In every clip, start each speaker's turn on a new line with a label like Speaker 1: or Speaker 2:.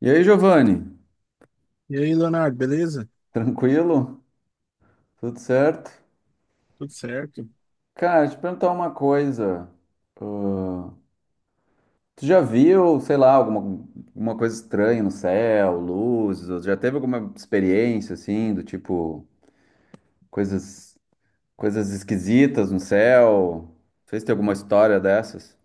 Speaker 1: E aí, Giovanni?
Speaker 2: E aí, Leonardo, beleza?
Speaker 1: Tranquilo? Tudo certo?
Speaker 2: Tudo certo?
Speaker 1: Cara, te perguntar uma coisa. Ah, tu já viu, sei lá, alguma coisa estranha no céu, luzes? Ou já teve alguma experiência assim, do tipo, coisas, coisas esquisitas no céu? Não sei se tem alguma história dessas.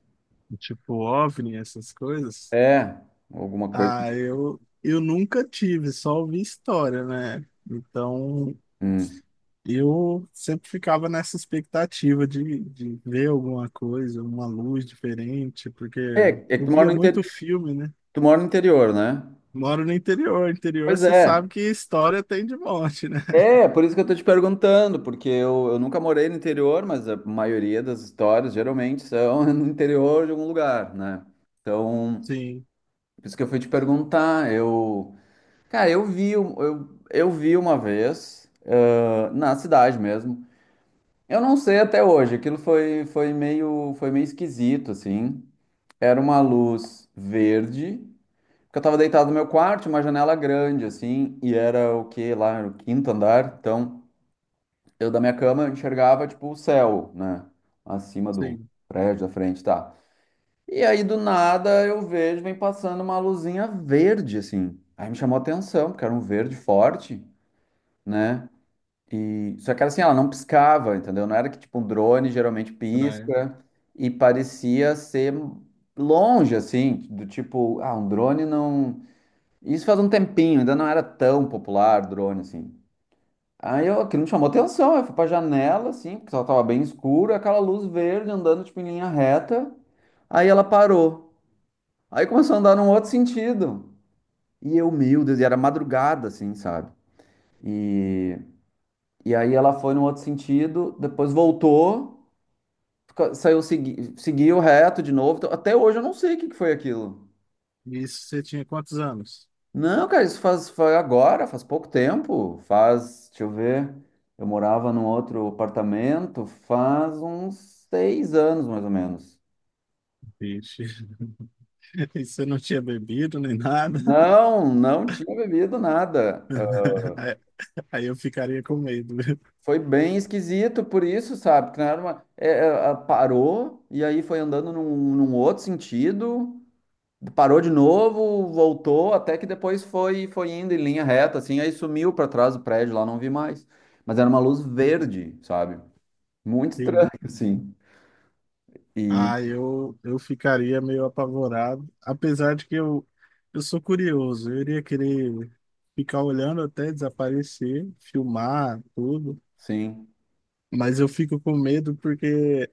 Speaker 2: Tipo, OVNI, essas coisas?
Speaker 1: É, alguma coisa.
Speaker 2: Ah, eu nunca tive, só ouvi história, né? Então,
Speaker 1: Hum.
Speaker 2: eu sempre ficava nessa expectativa de ver alguma coisa, uma luz diferente, porque
Speaker 1: É, é que
Speaker 2: eu
Speaker 1: tu mora
Speaker 2: via
Speaker 1: no,
Speaker 2: muito filme, né?
Speaker 1: tu mora no interior, né?
Speaker 2: Moro no interior, interior
Speaker 1: Pois
Speaker 2: você
Speaker 1: é.
Speaker 2: sabe que história tem de monte, né?
Speaker 1: É, por isso que eu tô te perguntando, porque eu nunca morei no interior, mas a maioria das histórias geralmente são no interior de algum lugar, né? Então,
Speaker 2: Sim,
Speaker 1: por isso que eu fui te perguntar. Eu, cara, eu vi uma vez, ah, na cidade mesmo. Eu não sei até hoje, aquilo foi meio esquisito, assim. Era uma luz verde, porque eu tava deitado no meu quarto, uma janela grande, assim, e era o quê lá, era o quinto andar, então eu da minha cama eu enxergava tipo o céu, né? Acima do
Speaker 2: sim,
Speaker 1: prédio da frente, tá? E aí do nada eu vejo, vem passando uma luzinha verde, assim. Aí me chamou a atenção, porque era um verde forte, né? E só que era assim, ela não piscava, entendeu? Não era que tipo um drone geralmente
Speaker 2: praia.
Speaker 1: pisca e parecia ser longe, assim, do tipo, ah, um drone não. Isso faz um tempinho, ainda não era tão popular drone assim. Aí eu, aquilo me chamou atenção, eu fui pra janela, assim, porque ela tava bem escura, aquela luz verde andando, tipo, em linha reta. Aí ela parou. Aí começou a andar num outro sentido. E eu, meu Deus, e era madrugada, assim, sabe? E, e aí ela foi num outro sentido, depois voltou, saiu, seguiu reto de novo. Então, até hoje eu não sei o que que foi aquilo.
Speaker 2: E isso, você tinha quantos anos?
Speaker 1: Não, cara, isso faz, foi agora, faz pouco tempo. Faz, deixa eu ver, eu morava num outro apartamento faz uns seis anos, mais ou menos.
Speaker 2: Vixe. E se não tinha bebido nem nada,
Speaker 1: Não, não tinha bebido nada. Ah,
Speaker 2: aí aí eu ficaria com medo.
Speaker 1: foi bem esquisito por isso, sabe? Que não era ah, parou e aí foi andando num outro sentido, parou de novo, voltou, até que depois foi indo em linha reta, assim, aí sumiu para trás do prédio lá, não vi mais. Mas era uma luz verde, sabe? Muito estranho,
Speaker 2: Sim.
Speaker 1: sim. E
Speaker 2: Eu ficaria meio apavorado, apesar de que eu sou curioso, eu iria querer ficar olhando até desaparecer, filmar tudo,
Speaker 1: sim.
Speaker 2: mas eu fico com medo porque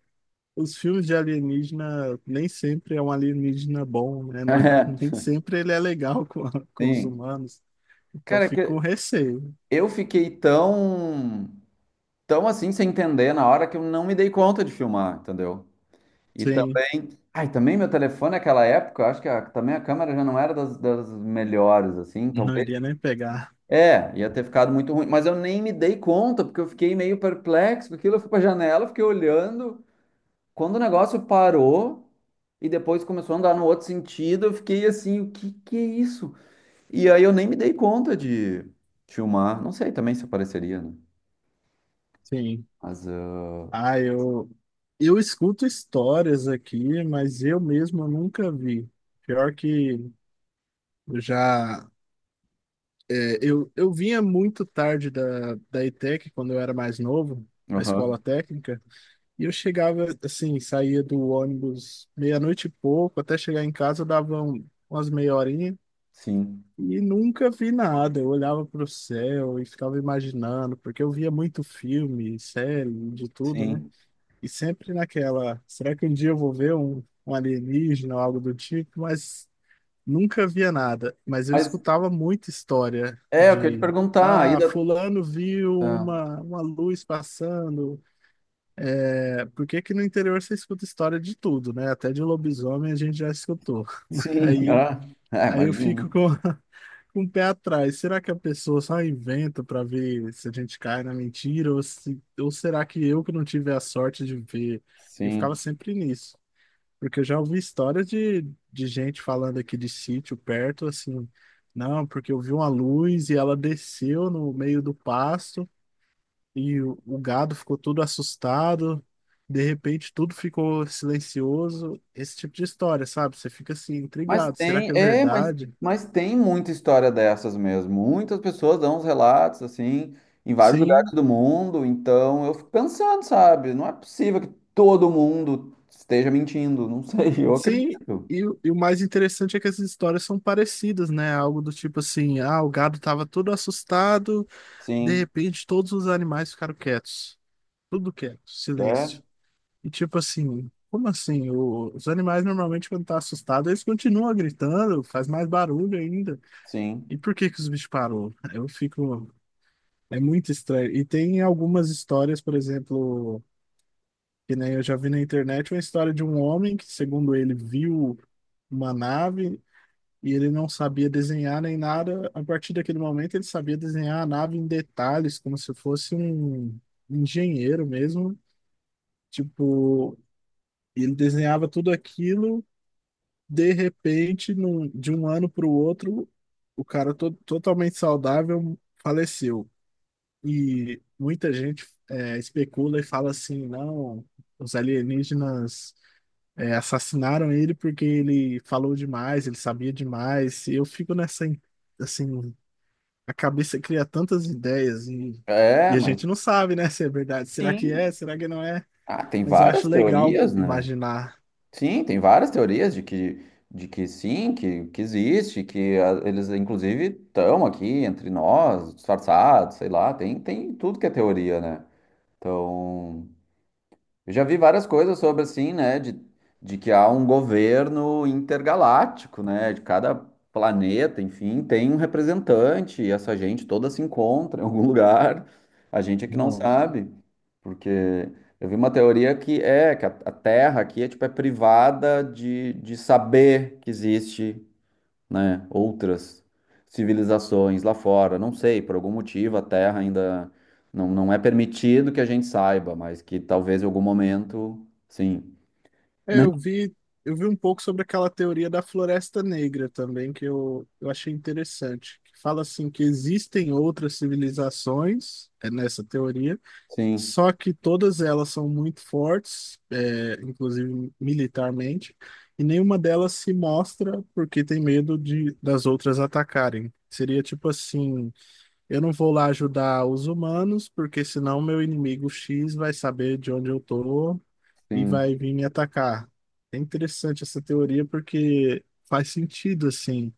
Speaker 2: os filmes de alienígena nem sempre é um alienígena bom, né? Nem sempre ele é legal com,
Speaker 1: É,
Speaker 2: com os
Speaker 1: sim.
Speaker 2: humanos, então eu
Speaker 1: Cara,
Speaker 2: fico com
Speaker 1: que
Speaker 2: receio.
Speaker 1: eu fiquei tão assim sem entender na hora que eu não me dei conta de filmar, entendeu? E
Speaker 2: Sim,
Speaker 1: também, ai, também meu telefone naquela época, eu acho que também a câmera já não era das melhores, assim,
Speaker 2: não
Speaker 1: talvez.
Speaker 2: iria nem pegar.
Speaker 1: É, ia ter ficado muito ruim, mas eu nem me dei conta, porque eu fiquei meio perplexo com aquilo. Eu fui pra janela, fiquei olhando. Quando o negócio parou e depois começou a andar no outro sentido, eu fiquei assim, o que que é isso? E aí eu nem me dei conta de filmar. Não sei também se apareceria, né?
Speaker 2: Sim.
Speaker 1: Mas, ah,
Speaker 2: Ah, eu, eu escuto histórias aqui, mas eu mesmo nunca vi. Pior que eu já. É, eu vinha muito tarde da ETEC, quando eu era mais novo, na escola
Speaker 1: aham,
Speaker 2: técnica, e eu chegava, assim, saía do ônibus meia-noite e pouco, até chegar em casa eu dava umas meia horinha,
Speaker 1: sim,
Speaker 2: e nunca vi nada. Eu olhava para o céu e ficava imaginando, porque eu via muito filme, série, de tudo, né?
Speaker 1: sim.
Speaker 2: E sempre naquela, será que um dia eu vou ver um, um alienígena ou algo do tipo? Mas nunca via nada. Mas eu
Speaker 1: Mas
Speaker 2: escutava muita história
Speaker 1: é, eu queria te
Speaker 2: de,
Speaker 1: perguntar, aí
Speaker 2: ah,
Speaker 1: da...
Speaker 2: fulano viu
Speaker 1: Ah,
Speaker 2: uma luz passando. É, por que que no interior você escuta história de tudo, né? Até de lobisomem a gente já escutou.
Speaker 1: sim,
Speaker 2: Aí,
Speaker 1: ah, é,
Speaker 2: aí eu fico
Speaker 1: imagino.
Speaker 2: com, com o pé atrás. Será que a pessoa só inventa para ver se a gente cai na mentira? Ou, se, ou será que eu que não tive a sorte de ver? E eu ficava
Speaker 1: Sim.
Speaker 2: sempre nisso. Porque eu já ouvi histórias de gente falando aqui de sítio perto, assim, não, porque eu vi uma luz e ela desceu no meio do pasto e o gado ficou todo assustado, de repente tudo ficou silencioso, esse tipo de história, sabe? Você fica assim,
Speaker 1: Mas
Speaker 2: intrigado, será
Speaker 1: tem,
Speaker 2: que é
Speaker 1: é, mas,
Speaker 2: verdade?
Speaker 1: mas tem muita história dessas mesmo. Muitas pessoas dão uns relatos, assim, em vários lugares
Speaker 2: Sim,
Speaker 1: do mundo. Então eu fico pensando, sabe? Não é possível que todo mundo esteja mentindo. Não sei, eu
Speaker 2: sim,
Speaker 1: acredito.
Speaker 2: e, e o mais interessante é que essas histórias são parecidas, né? Algo do tipo assim, ah, o gado estava todo assustado, de
Speaker 1: Sim,
Speaker 2: repente todos os animais ficaram quietos. Tudo quieto,
Speaker 1: é,
Speaker 2: silêncio. E tipo assim, como assim? Os animais normalmente quando tá assustado, eles continuam gritando, faz mais barulho ainda.
Speaker 1: sim.
Speaker 2: E por que que os bichos parou? Eu fico, é muito estranho. E tem algumas histórias, por exemplo, que nem eu já vi na internet, uma história de um homem que, segundo ele, viu uma nave e ele não sabia desenhar nem nada. A partir daquele momento, ele sabia desenhar a nave em detalhes, como se fosse um engenheiro mesmo. Tipo, e ele desenhava tudo aquilo, de repente, de um ano para o outro, o cara totalmente saudável faleceu. E muita gente é, especula e fala assim, não, os alienígenas é, assassinaram ele porque ele falou demais, ele sabia demais. E eu fico nessa, assim, a cabeça cria tantas ideias
Speaker 1: É,
Speaker 2: e a
Speaker 1: mas
Speaker 2: gente não sabe, né, se é verdade. Será que
Speaker 1: sim.
Speaker 2: é? Será que não é?
Speaker 1: Ah, tem
Speaker 2: Mas eu acho
Speaker 1: várias
Speaker 2: legal
Speaker 1: teorias, né?
Speaker 2: imaginar.
Speaker 1: Sim, tem várias teorias de que sim, que existe, que ah, eles inclusive estão aqui entre nós, disfarçados, sei lá, tem, tem tudo que é teoria, né? Então, eu já vi várias coisas sobre assim, né, de que há um governo intergaláctico, né, de cada planeta, enfim, tem um representante, e essa gente toda se encontra em algum lugar. A gente é que não
Speaker 2: Nossa.
Speaker 1: sabe, porque eu vi uma teoria que é que a Terra aqui é tipo é privada de saber que existe, né, outras civilizações lá fora. Não sei, por algum motivo a Terra ainda não é permitido que a gente saiba, mas que talvez em algum momento, sim,
Speaker 2: É,
Speaker 1: né?
Speaker 2: eu vi, eu vi um pouco sobre aquela teoria da Floresta Negra também, que eu achei interessante. Que fala assim que existem outras civilizações, é nessa teoria,
Speaker 1: Sim,
Speaker 2: só que todas elas são muito fortes, é, inclusive militarmente, e nenhuma delas se mostra porque tem medo de, das outras atacarem. Seria tipo assim. Eu não vou lá ajudar os humanos, porque senão meu inimigo X vai saber de onde eu tô e
Speaker 1: sim,
Speaker 2: vai vir me atacar. É interessante essa teoria porque faz sentido assim.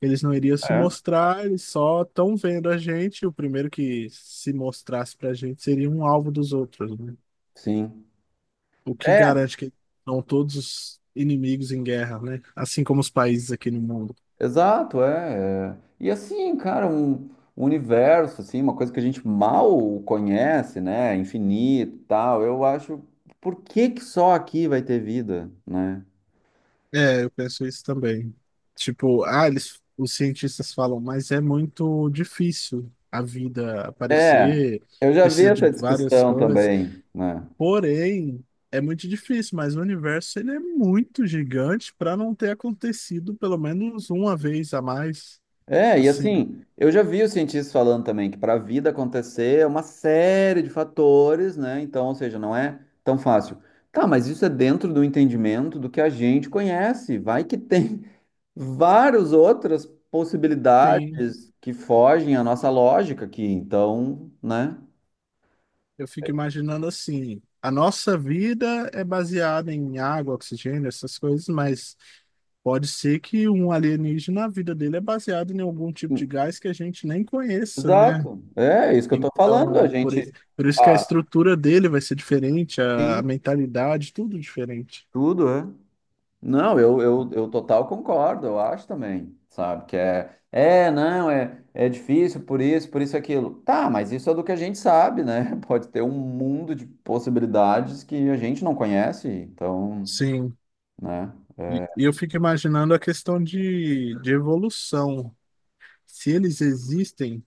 Speaker 2: Eles não iriam se
Speaker 1: é.
Speaker 2: mostrar, eles só estão vendo a gente. O primeiro que se mostrasse pra gente seria um alvo dos outros, né?
Speaker 1: Sim.
Speaker 2: O que
Speaker 1: É,
Speaker 2: garante que são todos os inimigos em guerra, né? Assim como os países aqui no mundo.
Speaker 1: exato, é. É. E assim, cara, um universo, assim, uma coisa que a gente mal conhece, né? Infinito, e tal. Eu acho, por que que só aqui vai ter vida, né?
Speaker 2: É, eu penso isso também. Tipo, ah, eles, os cientistas falam, mas é muito difícil a vida
Speaker 1: É,
Speaker 2: aparecer,
Speaker 1: eu já vi
Speaker 2: precisa de
Speaker 1: essa
Speaker 2: várias
Speaker 1: discussão
Speaker 2: coisas.
Speaker 1: também, né?
Speaker 2: Porém, é muito difícil, mas o universo ele é muito gigante para não ter acontecido pelo menos uma vez a mais.
Speaker 1: É, e
Speaker 2: Assim,
Speaker 1: assim, eu já vi os cientistas falando também que para a vida acontecer é uma série de fatores, né? Então, ou seja, não é tão fácil. Tá, mas isso é dentro do entendimento do que a gente conhece. Vai que tem várias outras
Speaker 2: sim.
Speaker 1: possibilidades que fogem à nossa lógica aqui. Então, né?
Speaker 2: Eu fico imaginando assim, a nossa vida é baseada em água, oxigênio, essas coisas, mas pode ser que um alienígena, a vida dele é baseada em algum tipo de gás que a gente nem conheça, né?
Speaker 1: Exato. É é isso que eu tô falando. A
Speaker 2: Então, por,
Speaker 1: gente.
Speaker 2: por isso que a
Speaker 1: Ah,
Speaker 2: estrutura dele vai ser diferente, a
Speaker 1: sim,
Speaker 2: mentalidade, tudo diferente.
Speaker 1: tudo é. Não, eu total concordo, eu acho também, sabe? Que não, é, é difícil por isso, aquilo. Tá, mas isso é do que a gente sabe, né? Pode ter um mundo de possibilidades que a gente não conhece, então,
Speaker 2: Sim,
Speaker 1: né?
Speaker 2: e
Speaker 1: É,
Speaker 2: e eu fico imaginando a questão de evolução. Se eles existem,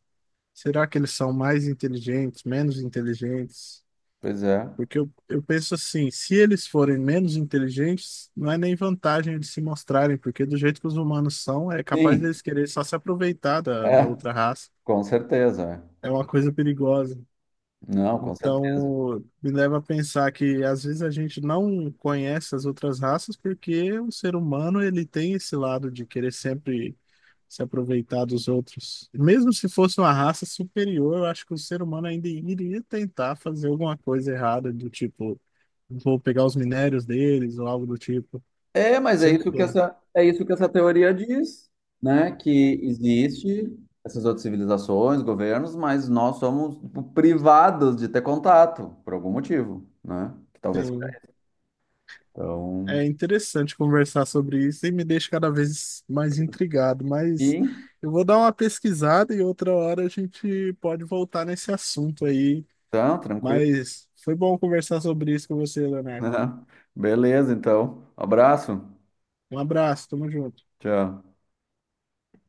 Speaker 2: será que eles são mais inteligentes, menos inteligentes?
Speaker 1: pois é.
Speaker 2: Porque eu penso assim, se eles forem menos inteligentes, não é nem vantagem de se mostrarem, porque do jeito que os humanos são, é capaz
Speaker 1: Sim,
Speaker 2: deles querer só se aproveitar da, da
Speaker 1: é,
Speaker 2: outra raça.
Speaker 1: com certeza. É.
Speaker 2: É uma coisa perigosa.
Speaker 1: Não, com certeza.
Speaker 2: Então, me leva a pensar que às vezes a gente não conhece as outras raças porque o ser humano ele tem esse lado de querer sempre se aproveitar dos outros. Mesmo se fosse uma raça superior, eu acho que o ser humano ainda iria tentar fazer alguma coisa errada, do tipo vou pegar os minérios deles ou algo do tipo.
Speaker 1: É, mas é
Speaker 2: Sempre
Speaker 1: isso
Speaker 2: tem.
Speaker 1: é isso que essa teoria diz, né? Que existe essas outras civilizações, governos, mas nós somos tipo, privados de ter contato, por algum motivo, né? Que talvez.
Speaker 2: Sim.
Speaker 1: Então,
Speaker 2: É interessante conversar sobre isso e me deixa cada vez mais intrigado, mas
Speaker 1: sim,
Speaker 2: eu vou dar uma pesquisada e outra hora a gente pode voltar nesse assunto aí.
Speaker 1: então, tranquilo,
Speaker 2: Mas foi bom conversar sobre isso com você,
Speaker 1: né?
Speaker 2: Leonardo.
Speaker 1: Beleza, então. Abraço.
Speaker 2: Um abraço, tamo junto.
Speaker 1: Tchau.